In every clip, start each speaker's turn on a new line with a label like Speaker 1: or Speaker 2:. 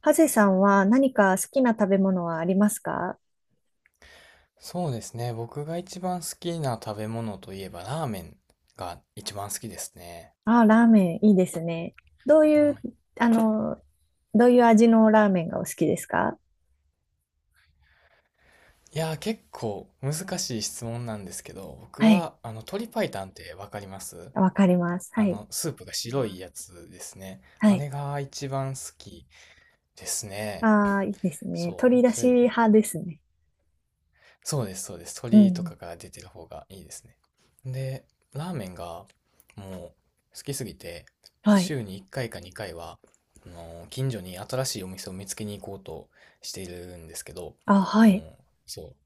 Speaker 1: ハゼさんは何か好きな食べ物はありますか？
Speaker 2: そうですね。僕が一番好きな食べ物といえばラーメンが一番好きですね。
Speaker 1: あー、ラーメンいいですね。どう
Speaker 2: は
Speaker 1: いう、
Speaker 2: い。
Speaker 1: あの、どういう味のラーメンがお好きですか？
Speaker 2: 結構難しい質問なんですけど、僕
Speaker 1: はい。
Speaker 2: は鶏白湯ってわかります？
Speaker 1: わかります。は
Speaker 2: あ
Speaker 1: い。
Speaker 2: のスープが白いやつですね。
Speaker 1: は
Speaker 2: あ
Speaker 1: い。
Speaker 2: れが一番好きですね。
Speaker 1: ああ、いいですね。
Speaker 2: そう。
Speaker 1: 鶏だし派ですね。
Speaker 2: そうです、そうです。
Speaker 1: う
Speaker 2: 鶏とか
Speaker 1: ん。
Speaker 2: が出てる方がいいですね。で、ラーメンがもう好きすぎて、
Speaker 1: はい。
Speaker 2: 週に1回か2回は、近所に新しいお店を見つけに行こうとしているんですけど、
Speaker 1: あ、は
Speaker 2: も
Speaker 1: い。
Speaker 2: う、そう。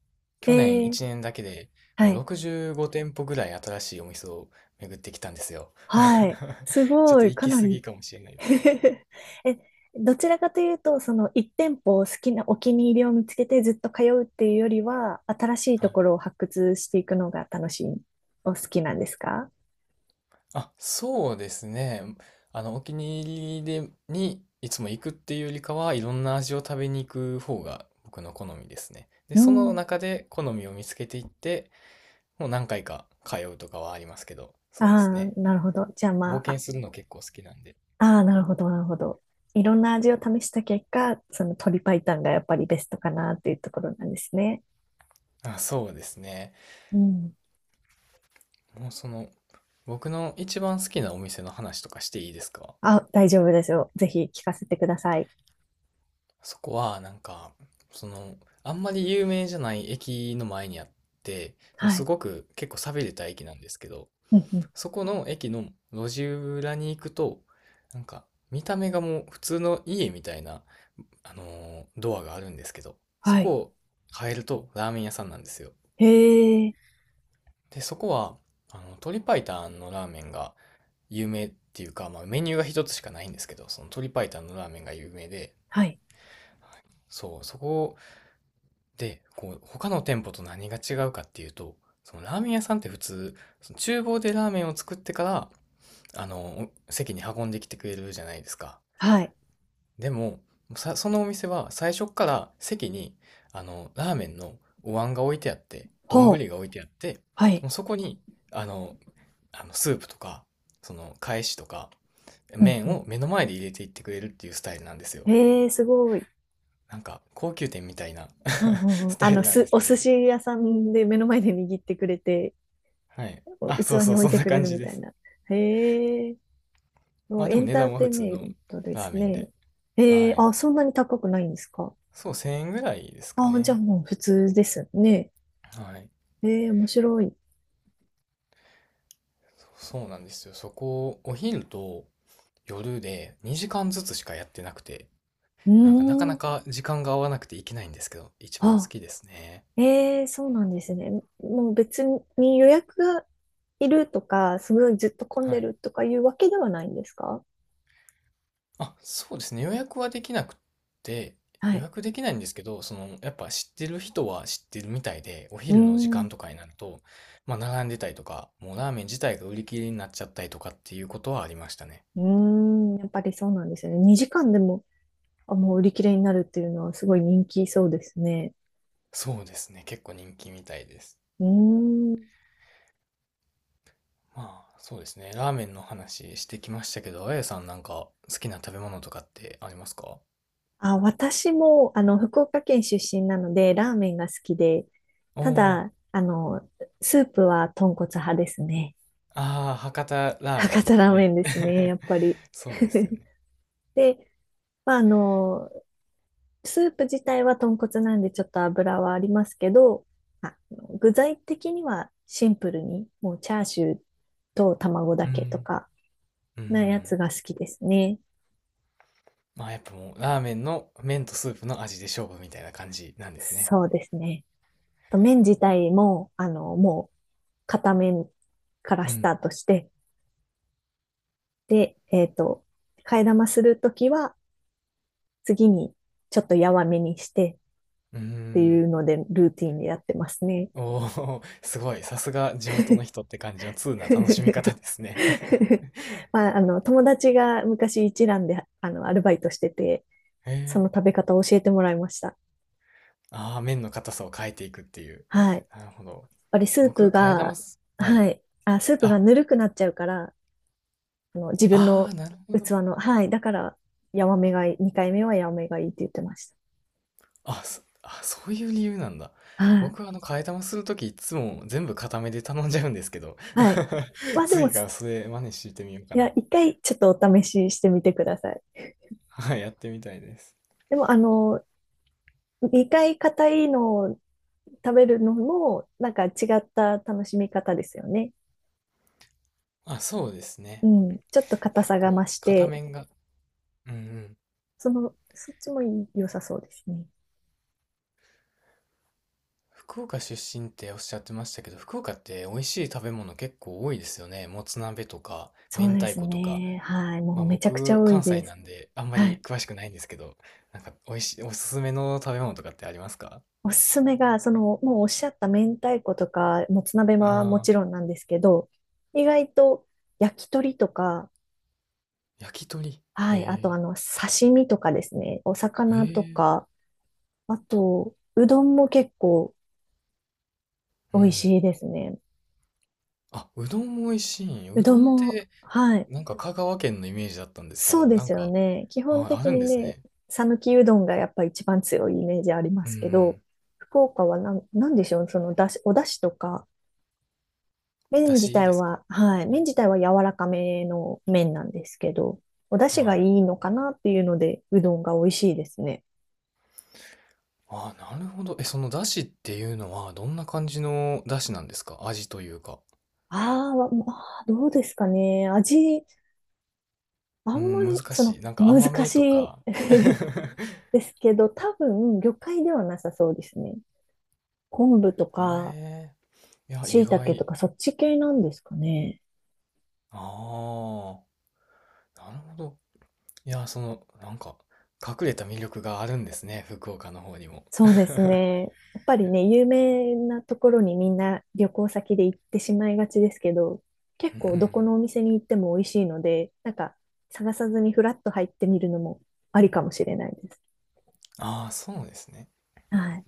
Speaker 1: え
Speaker 2: 去年
Speaker 1: ー、
Speaker 2: 1年だけで
Speaker 1: は
Speaker 2: もう
Speaker 1: い。
Speaker 2: 65店舗ぐらい新しいお店を巡ってきたんですよ。
Speaker 1: はい。す
Speaker 2: ちょっ
Speaker 1: ご
Speaker 2: と
Speaker 1: い。
Speaker 2: 行
Speaker 1: か
Speaker 2: き
Speaker 1: な
Speaker 2: 過ぎ
Speaker 1: り。
Speaker 2: かもしれないですけど。
Speaker 1: え、どちらかというと、その一店舗を好きなお気に入りを見つけてずっと通うっていうよりは、新しい
Speaker 2: は
Speaker 1: と
Speaker 2: い。
Speaker 1: ころを発掘していくのが楽しい、お好きなんですか？
Speaker 2: あ、そうですね。お気に入りで、にいつも行くっていうよりかは、いろんな味を食べに行く方が僕の好みですね。で、
Speaker 1: う
Speaker 2: その
Speaker 1: ん。
Speaker 2: 中で好みを見つけていって、もう何回か通うとかはありますけど、
Speaker 1: あ
Speaker 2: そうです
Speaker 1: あ、
Speaker 2: ね。
Speaker 1: なるほど。じゃあ
Speaker 2: 冒
Speaker 1: ま
Speaker 2: 険
Speaker 1: あ、
Speaker 2: するの結構好きなんで。
Speaker 1: ああー、なるほど、なるほど。いろんな味を試した結果、その鶏白湯がやっぱりベストかなっていうところなんですね。
Speaker 2: あ、そうですね。
Speaker 1: うん。
Speaker 2: もうその、僕の一番好きなお店の話とかしていいですか？
Speaker 1: あ、大丈夫ですよ。ぜひ聞かせてください。
Speaker 2: そこは、その、あんまり有名じゃない駅の前にあって、その
Speaker 1: は
Speaker 2: す
Speaker 1: い。
Speaker 2: ごく結構寂れた駅なんですけど、
Speaker 1: うんうん。
Speaker 2: そこの駅の路地裏に行くと、なんか見た目がもう普通の家みたいな、ドアがあるんですけど、そ
Speaker 1: は
Speaker 2: こ
Speaker 1: い。
Speaker 2: を変えるとラーメン屋さんなんですよ。
Speaker 1: へえ。
Speaker 2: で、そこは、鶏白湯のラーメンが有名っていうか、まあメニューが一つしかないんですけど、その鶏白湯のラーメンが有名で、
Speaker 1: はい。
Speaker 2: そう、そこで、こう、他の店舗と何が違うかっていうと、そのラーメン屋さんって普通、その厨房でラーメンを作ってから、席に運んできてくれるじゃないですか。
Speaker 1: はい。
Speaker 2: でも、そのお店は最初っから席に、ラーメンのお椀が置いてあって、丼
Speaker 1: ほ
Speaker 2: が
Speaker 1: う。
Speaker 2: 置いてあって、
Speaker 1: はい。
Speaker 2: もうそこに、あの、あのスープとか、その、返しとか、
Speaker 1: うん
Speaker 2: 麺
Speaker 1: う
Speaker 2: を
Speaker 1: ん。
Speaker 2: 目の前で入れていってくれるっていうスタイルなんですよ。
Speaker 1: ええ、すごい。
Speaker 2: なんか、高級店みたいな
Speaker 1: うんう んうん。
Speaker 2: スタイルなんです
Speaker 1: お
Speaker 2: け
Speaker 1: 寿
Speaker 2: ど。
Speaker 1: 司屋さんで目の前で握ってくれて、
Speaker 2: はい。
Speaker 1: お
Speaker 2: あ、
Speaker 1: 器
Speaker 2: そう
Speaker 1: に
Speaker 2: そう、
Speaker 1: 置い
Speaker 2: そん
Speaker 1: て
Speaker 2: な
Speaker 1: くれ
Speaker 2: 感
Speaker 1: る
Speaker 2: じ
Speaker 1: み
Speaker 2: で
Speaker 1: たい
Speaker 2: す。
Speaker 1: な。へえ、も
Speaker 2: まあ
Speaker 1: う
Speaker 2: で
Speaker 1: エ
Speaker 2: も
Speaker 1: ン
Speaker 2: 値
Speaker 1: ター
Speaker 2: 段は
Speaker 1: テ
Speaker 2: 普
Speaker 1: イン
Speaker 2: 通
Speaker 1: メ
Speaker 2: の
Speaker 1: ントで
Speaker 2: ラー
Speaker 1: す
Speaker 2: メン
Speaker 1: ね。
Speaker 2: で。
Speaker 1: へ
Speaker 2: は
Speaker 1: え、
Speaker 2: い。
Speaker 1: あ、そんなに高くないんですか？
Speaker 2: そう、1000円ぐらいですか
Speaker 1: あ、じゃあ
Speaker 2: ね。
Speaker 1: もう普通ですね。
Speaker 2: はい。
Speaker 1: ええ、面白い。
Speaker 2: そうそうなんですよ。そこ、お昼と夜で2時間ずつしかやってなくて、
Speaker 1: う
Speaker 2: なんかなか
Speaker 1: ー
Speaker 2: な
Speaker 1: ん。
Speaker 2: か時間が合わなくていけないんですけど、一番好
Speaker 1: あ、
Speaker 2: きですね。
Speaker 1: ええ、そうなんですね。もう別に予約がいるとか、すごいずっと混ん
Speaker 2: は
Speaker 1: で
Speaker 2: い。
Speaker 1: るとかいうわけではないんですか？
Speaker 2: あ、そうですね。予約はできなくて、
Speaker 1: は
Speaker 2: 予
Speaker 1: い。
Speaker 2: 約できないんですけど、その、やっぱ知ってる人は知ってるみたいで、お
Speaker 1: うー
Speaker 2: 昼の時間と
Speaker 1: ん。
Speaker 2: かになると、まあ並んでたりとか、もうラーメン自体が売り切れになっちゃったりとかっていうことはありましたね。
Speaker 1: うーん、やっぱりそうなんですよね。2時間でも、あ、もう売り切れになるっていうのはすごい人気そうですね。
Speaker 2: そうですね。結構人気みたいです。
Speaker 1: うーん。
Speaker 2: まあ、そうですね。ラーメンの話してきましたけど、あやさんなんか好きな食べ物とかってありますか？
Speaker 1: あ、私も、福岡県出身なので、ラーメンが好きで、
Speaker 2: お
Speaker 1: た
Speaker 2: ー、
Speaker 1: だ、スープは豚骨派ですね。
Speaker 2: ああ、博多ラーメ
Speaker 1: 博
Speaker 2: ンっ
Speaker 1: 多ラ
Speaker 2: て
Speaker 1: ーメ
Speaker 2: ね。
Speaker 1: ンですね、や っぱり。
Speaker 2: そうですよ ね。
Speaker 1: で、まあ、スープ自体は豚骨なんでちょっと油はありますけど、あ具材的にはシンプルに、もうチャーシューと卵だ
Speaker 2: うん。
Speaker 1: けとか、
Speaker 2: うんう
Speaker 1: なやつ
Speaker 2: ん。
Speaker 1: が好きですね。
Speaker 2: まあやっぱもう、ラーメンの麺とスープの味で勝負みたいな感じなんですね。
Speaker 1: そうですね。と麺自体も、もう、片面から
Speaker 2: う
Speaker 1: スタ
Speaker 2: ん。
Speaker 1: ートして、で、替え玉するときは、次にちょっとやわめにして
Speaker 2: う
Speaker 1: ってい
Speaker 2: ん。
Speaker 1: うので、ルーティンでやってますね。
Speaker 2: おお、すごい。さすが地元の人って感じの通な楽しみ方で すね。
Speaker 1: まあ、友達が昔一蘭で、アルバイトしてて、
Speaker 2: へ
Speaker 1: そ
Speaker 2: え。
Speaker 1: の食べ方を教えてもらいました。
Speaker 2: ああ、麺の硬さを変えていくっていう。
Speaker 1: はい。やっ
Speaker 2: なるほど。
Speaker 1: ぱりスー
Speaker 2: 僕、
Speaker 1: プ
Speaker 2: 替え玉
Speaker 1: が、
Speaker 2: すは
Speaker 1: は
Speaker 2: い。
Speaker 1: い。あ、スープが
Speaker 2: あ、
Speaker 1: ぬるくなっちゃうから、自分
Speaker 2: あ
Speaker 1: の
Speaker 2: あ、なるほ
Speaker 1: 器
Speaker 2: ど。
Speaker 1: の、はい。だから、ヤマメがいい、2回目はヤマメがいいって言ってまし
Speaker 2: あ、そういう理由なんだ。
Speaker 1: た。はい。
Speaker 2: 僕は替え玉するときいつも全部固めで頼んじゃうんですけど、
Speaker 1: はい。ま あでも、
Speaker 2: 次からそれ真似してみようか
Speaker 1: いや、
Speaker 2: な。
Speaker 1: 1回ちょっとお試ししてみてください。
Speaker 2: はい、やってみたいです。
Speaker 1: でも、2回硬いのを食べるのも、なんか違った楽しみ方ですよね。
Speaker 2: あ、そうです
Speaker 1: う
Speaker 2: ね。
Speaker 1: ん。ちょっと硬
Speaker 2: 結
Speaker 1: さが
Speaker 2: 構、
Speaker 1: 増し
Speaker 2: 片
Speaker 1: て、
Speaker 2: 面が、うんうん。
Speaker 1: そっちも良さそうですね。
Speaker 2: 福岡出身っておっしゃってましたけど、福岡って美味しい食べ物結構多いですよね。もつ鍋とか、
Speaker 1: そ
Speaker 2: 明
Speaker 1: うで
Speaker 2: 太
Speaker 1: す
Speaker 2: 子とか。
Speaker 1: ね。はい。
Speaker 2: ま
Speaker 1: も
Speaker 2: あ
Speaker 1: うめちゃくちゃ
Speaker 2: 僕、
Speaker 1: 多い
Speaker 2: 関西
Speaker 1: で
Speaker 2: な
Speaker 1: す。
Speaker 2: んであんま
Speaker 1: は
Speaker 2: り
Speaker 1: い。
Speaker 2: 詳しくないんですけど、なんか美味しい、おすすめの食べ物とかってありますか？
Speaker 1: おすすめが、もうおっしゃった明太子とか、もつ鍋はも
Speaker 2: ああ
Speaker 1: ち
Speaker 2: ー。
Speaker 1: ろんなんですけど、意外と焼き鳥とか、
Speaker 2: 焼き鳥。
Speaker 1: はい、あと
Speaker 2: へ
Speaker 1: 刺身とかですね、お
Speaker 2: え。へ
Speaker 1: 魚と
Speaker 2: え。
Speaker 1: か、あと、うどんも結構
Speaker 2: う
Speaker 1: 美味し
Speaker 2: ん。
Speaker 1: いですね。
Speaker 2: あ、うどんも美味しい。
Speaker 1: う
Speaker 2: うど
Speaker 1: どん
Speaker 2: んっ
Speaker 1: も、
Speaker 2: て、
Speaker 1: はい、
Speaker 2: なんか香川県のイメージだったんですけ
Speaker 1: そう
Speaker 2: ど、
Speaker 1: で
Speaker 2: なん
Speaker 1: すよ
Speaker 2: か、
Speaker 1: ね。基本
Speaker 2: あ、あ
Speaker 1: 的
Speaker 2: るん
Speaker 1: に
Speaker 2: です
Speaker 1: ね、
Speaker 2: ね。
Speaker 1: 讃岐うどんがやっぱ一番強いイメージありま
Speaker 2: うんう
Speaker 1: すけど、
Speaker 2: ん。
Speaker 1: 福岡はなんでしょう、そのだし、お出汁とか、麺
Speaker 2: だ
Speaker 1: 自
Speaker 2: し
Speaker 1: 体
Speaker 2: ですか？
Speaker 1: は、はい、
Speaker 2: は
Speaker 1: 麺
Speaker 2: い。
Speaker 1: 自体は柔らかめの麺なんですけど、お出汁が
Speaker 2: は
Speaker 1: い
Speaker 2: い。
Speaker 1: いのかなっていうので、うどんが美味しいですね。
Speaker 2: あ、なるほど。え、そのだしっていうのは、どんな感じのだしなんですか？味というか。
Speaker 1: まあ、どうですかね。味、あ
Speaker 2: う
Speaker 1: んま
Speaker 2: ん、難
Speaker 1: り、
Speaker 2: しい。なんか
Speaker 1: 難
Speaker 2: 甘め
Speaker 1: し
Speaker 2: と
Speaker 1: い
Speaker 2: か。へ
Speaker 1: ですけど、多分、魚介ではなさそうですね。昆布とか、
Speaker 2: え。いや、意
Speaker 1: 椎茸と
Speaker 2: 外。
Speaker 1: か、そっち系なんですかね。
Speaker 2: ああ。なるほど。いや、その、なんか、隠れた魅力があるんですね、福岡の方にも。
Speaker 1: そうですね。やっぱりね、有名なところにみんな旅行先で行ってしまいがちですけど、結
Speaker 2: う
Speaker 1: 構どこ
Speaker 2: ん。
Speaker 1: のお店に行っても美味しいので、なんか探さずにフラッと入ってみるのもありかもしれないです。
Speaker 2: ああ、そうですね。
Speaker 1: はい。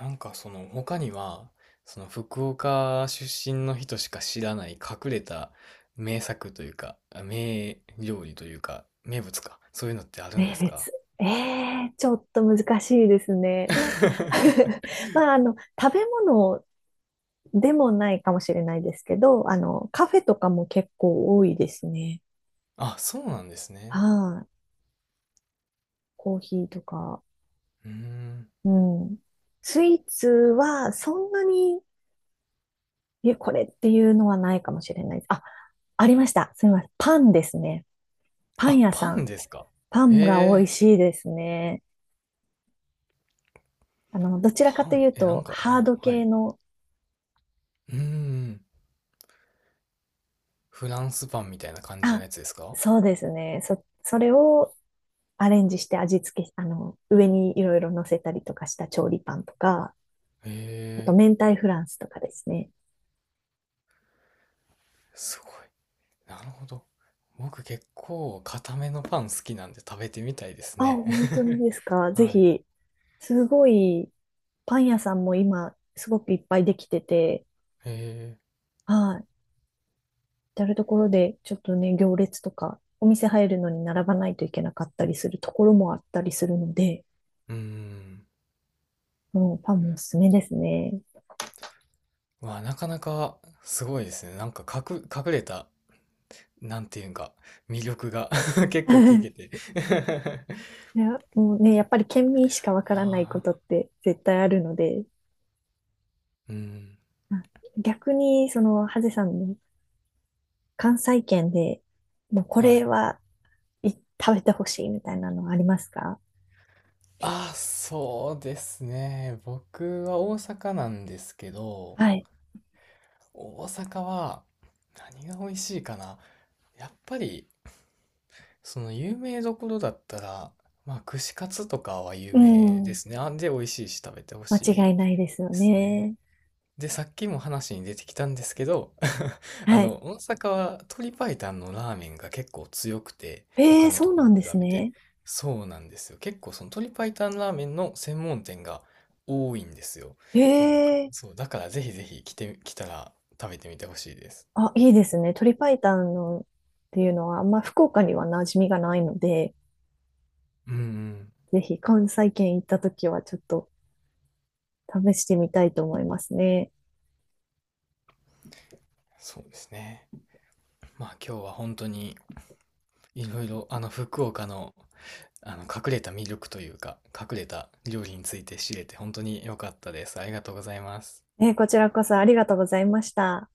Speaker 2: 他には、その福岡出身の人しか知らない隠れた名作というか、名料理というか、名物か、そういうのってあるんで
Speaker 1: 名
Speaker 2: す
Speaker 1: 物。
Speaker 2: か？
Speaker 1: えちょっと難しいですね。まあ、まあ、食べ物でもないかもしれないですけど、カフェとかも結構多いですね。
Speaker 2: あ、そうなんですね。
Speaker 1: はい、コーヒーとか。
Speaker 2: うーん。
Speaker 1: うん。スイーツはそんなに、これっていうのはないかもしれない。あ、ありました。すみません。パンですね。パン
Speaker 2: あ、
Speaker 1: 屋
Speaker 2: パ
Speaker 1: さ
Speaker 2: ン
Speaker 1: ん。
Speaker 2: ですか。
Speaker 1: パンが美味
Speaker 2: へえ、
Speaker 1: しいですね。どちらか
Speaker 2: パ
Speaker 1: とい
Speaker 2: ン。
Speaker 1: う
Speaker 2: え、なん
Speaker 1: と、
Speaker 2: か、
Speaker 1: ハー
Speaker 2: あ、
Speaker 1: ド
Speaker 2: は
Speaker 1: 系
Speaker 2: い。
Speaker 1: の、
Speaker 2: うーん。フランスパンみたいな感じの
Speaker 1: あ、
Speaker 2: やつですか？
Speaker 1: そうですね。それをアレンジして味付け、上にいろいろ乗せたりとかした調理パンとか、
Speaker 2: へ、
Speaker 1: あと明太フランスとかですね。
Speaker 2: すごい。なるほど。僕結構固めのパン好きなんで食べてみたいです
Speaker 1: あ、
Speaker 2: ね。
Speaker 1: 本当にですか。ぜ
Speaker 2: はい。
Speaker 1: ひ、すごい、パン屋さんも今、すごくいっぱいできてて、
Speaker 2: へえ。
Speaker 1: はい。至るところで、ちょっとね、行列とか、お店入るのに並ばないといけなかったりするところもあったりするので、
Speaker 2: うーん。
Speaker 1: もうパンもおすすめですね。
Speaker 2: わ、なかなかすごいですね。隠れた、なんていうんか、魅力が 結構聞けて。い
Speaker 1: いや、もうね、やっぱり県民しかわからないこ
Speaker 2: や
Speaker 1: とって絶対あるので、
Speaker 2: ー、うん。
Speaker 1: あ逆に、ハゼさんの関西圏で、もうこ
Speaker 2: は
Speaker 1: れ
Speaker 2: い。
Speaker 1: はい食べてほしいみたいなのはありますか？
Speaker 2: あー、そうですね。僕は大阪なんですけど、
Speaker 1: はい。
Speaker 2: 大阪は何が美味しいかな。やっぱりその有名どころだったら、まあ、串カツとかは有
Speaker 1: う
Speaker 2: 名で
Speaker 1: ん。
Speaker 2: すね。あんで、美味しいし食べてほしい
Speaker 1: 間違い
Speaker 2: で
Speaker 1: ないですよ
Speaker 2: すね。
Speaker 1: ね。
Speaker 2: で、さっきも話に出てきたんですけど、あ
Speaker 1: はい。
Speaker 2: の、大阪は鶏白湯のラーメンが結構強くて、
Speaker 1: え
Speaker 2: 他
Speaker 1: え、
Speaker 2: の
Speaker 1: そ
Speaker 2: と
Speaker 1: う
Speaker 2: こ
Speaker 1: な
Speaker 2: に
Speaker 1: ん
Speaker 2: 比
Speaker 1: で
Speaker 2: べ
Speaker 1: す
Speaker 2: て。
Speaker 1: ね。
Speaker 2: そうなんですよ。結構その鶏白湯ラーメンの専門店が多いんですよ。
Speaker 1: え
Speaker 2: なんか
Speaker 1: え、
Speaker 2: そう、だからぜひぜひ来て、来たら食べてみてほしいです。
Speaker 1: あ、いいですね。鶏白湯のっていうのは、あんま福岡には馴染みがないので、
Speaker 2: うんうん。
Speaker 1: ぜひ関西圏行った時はちょっと試してみたいと思いますね。
Speaker 2: そうですね。まあ今日は本当にいろいろあの福岡のあの隠れた魅力というか隠れた料理について知れて本当に良かったです。ありがとうございます。
Speaker 1: こちらこそありがとうございました。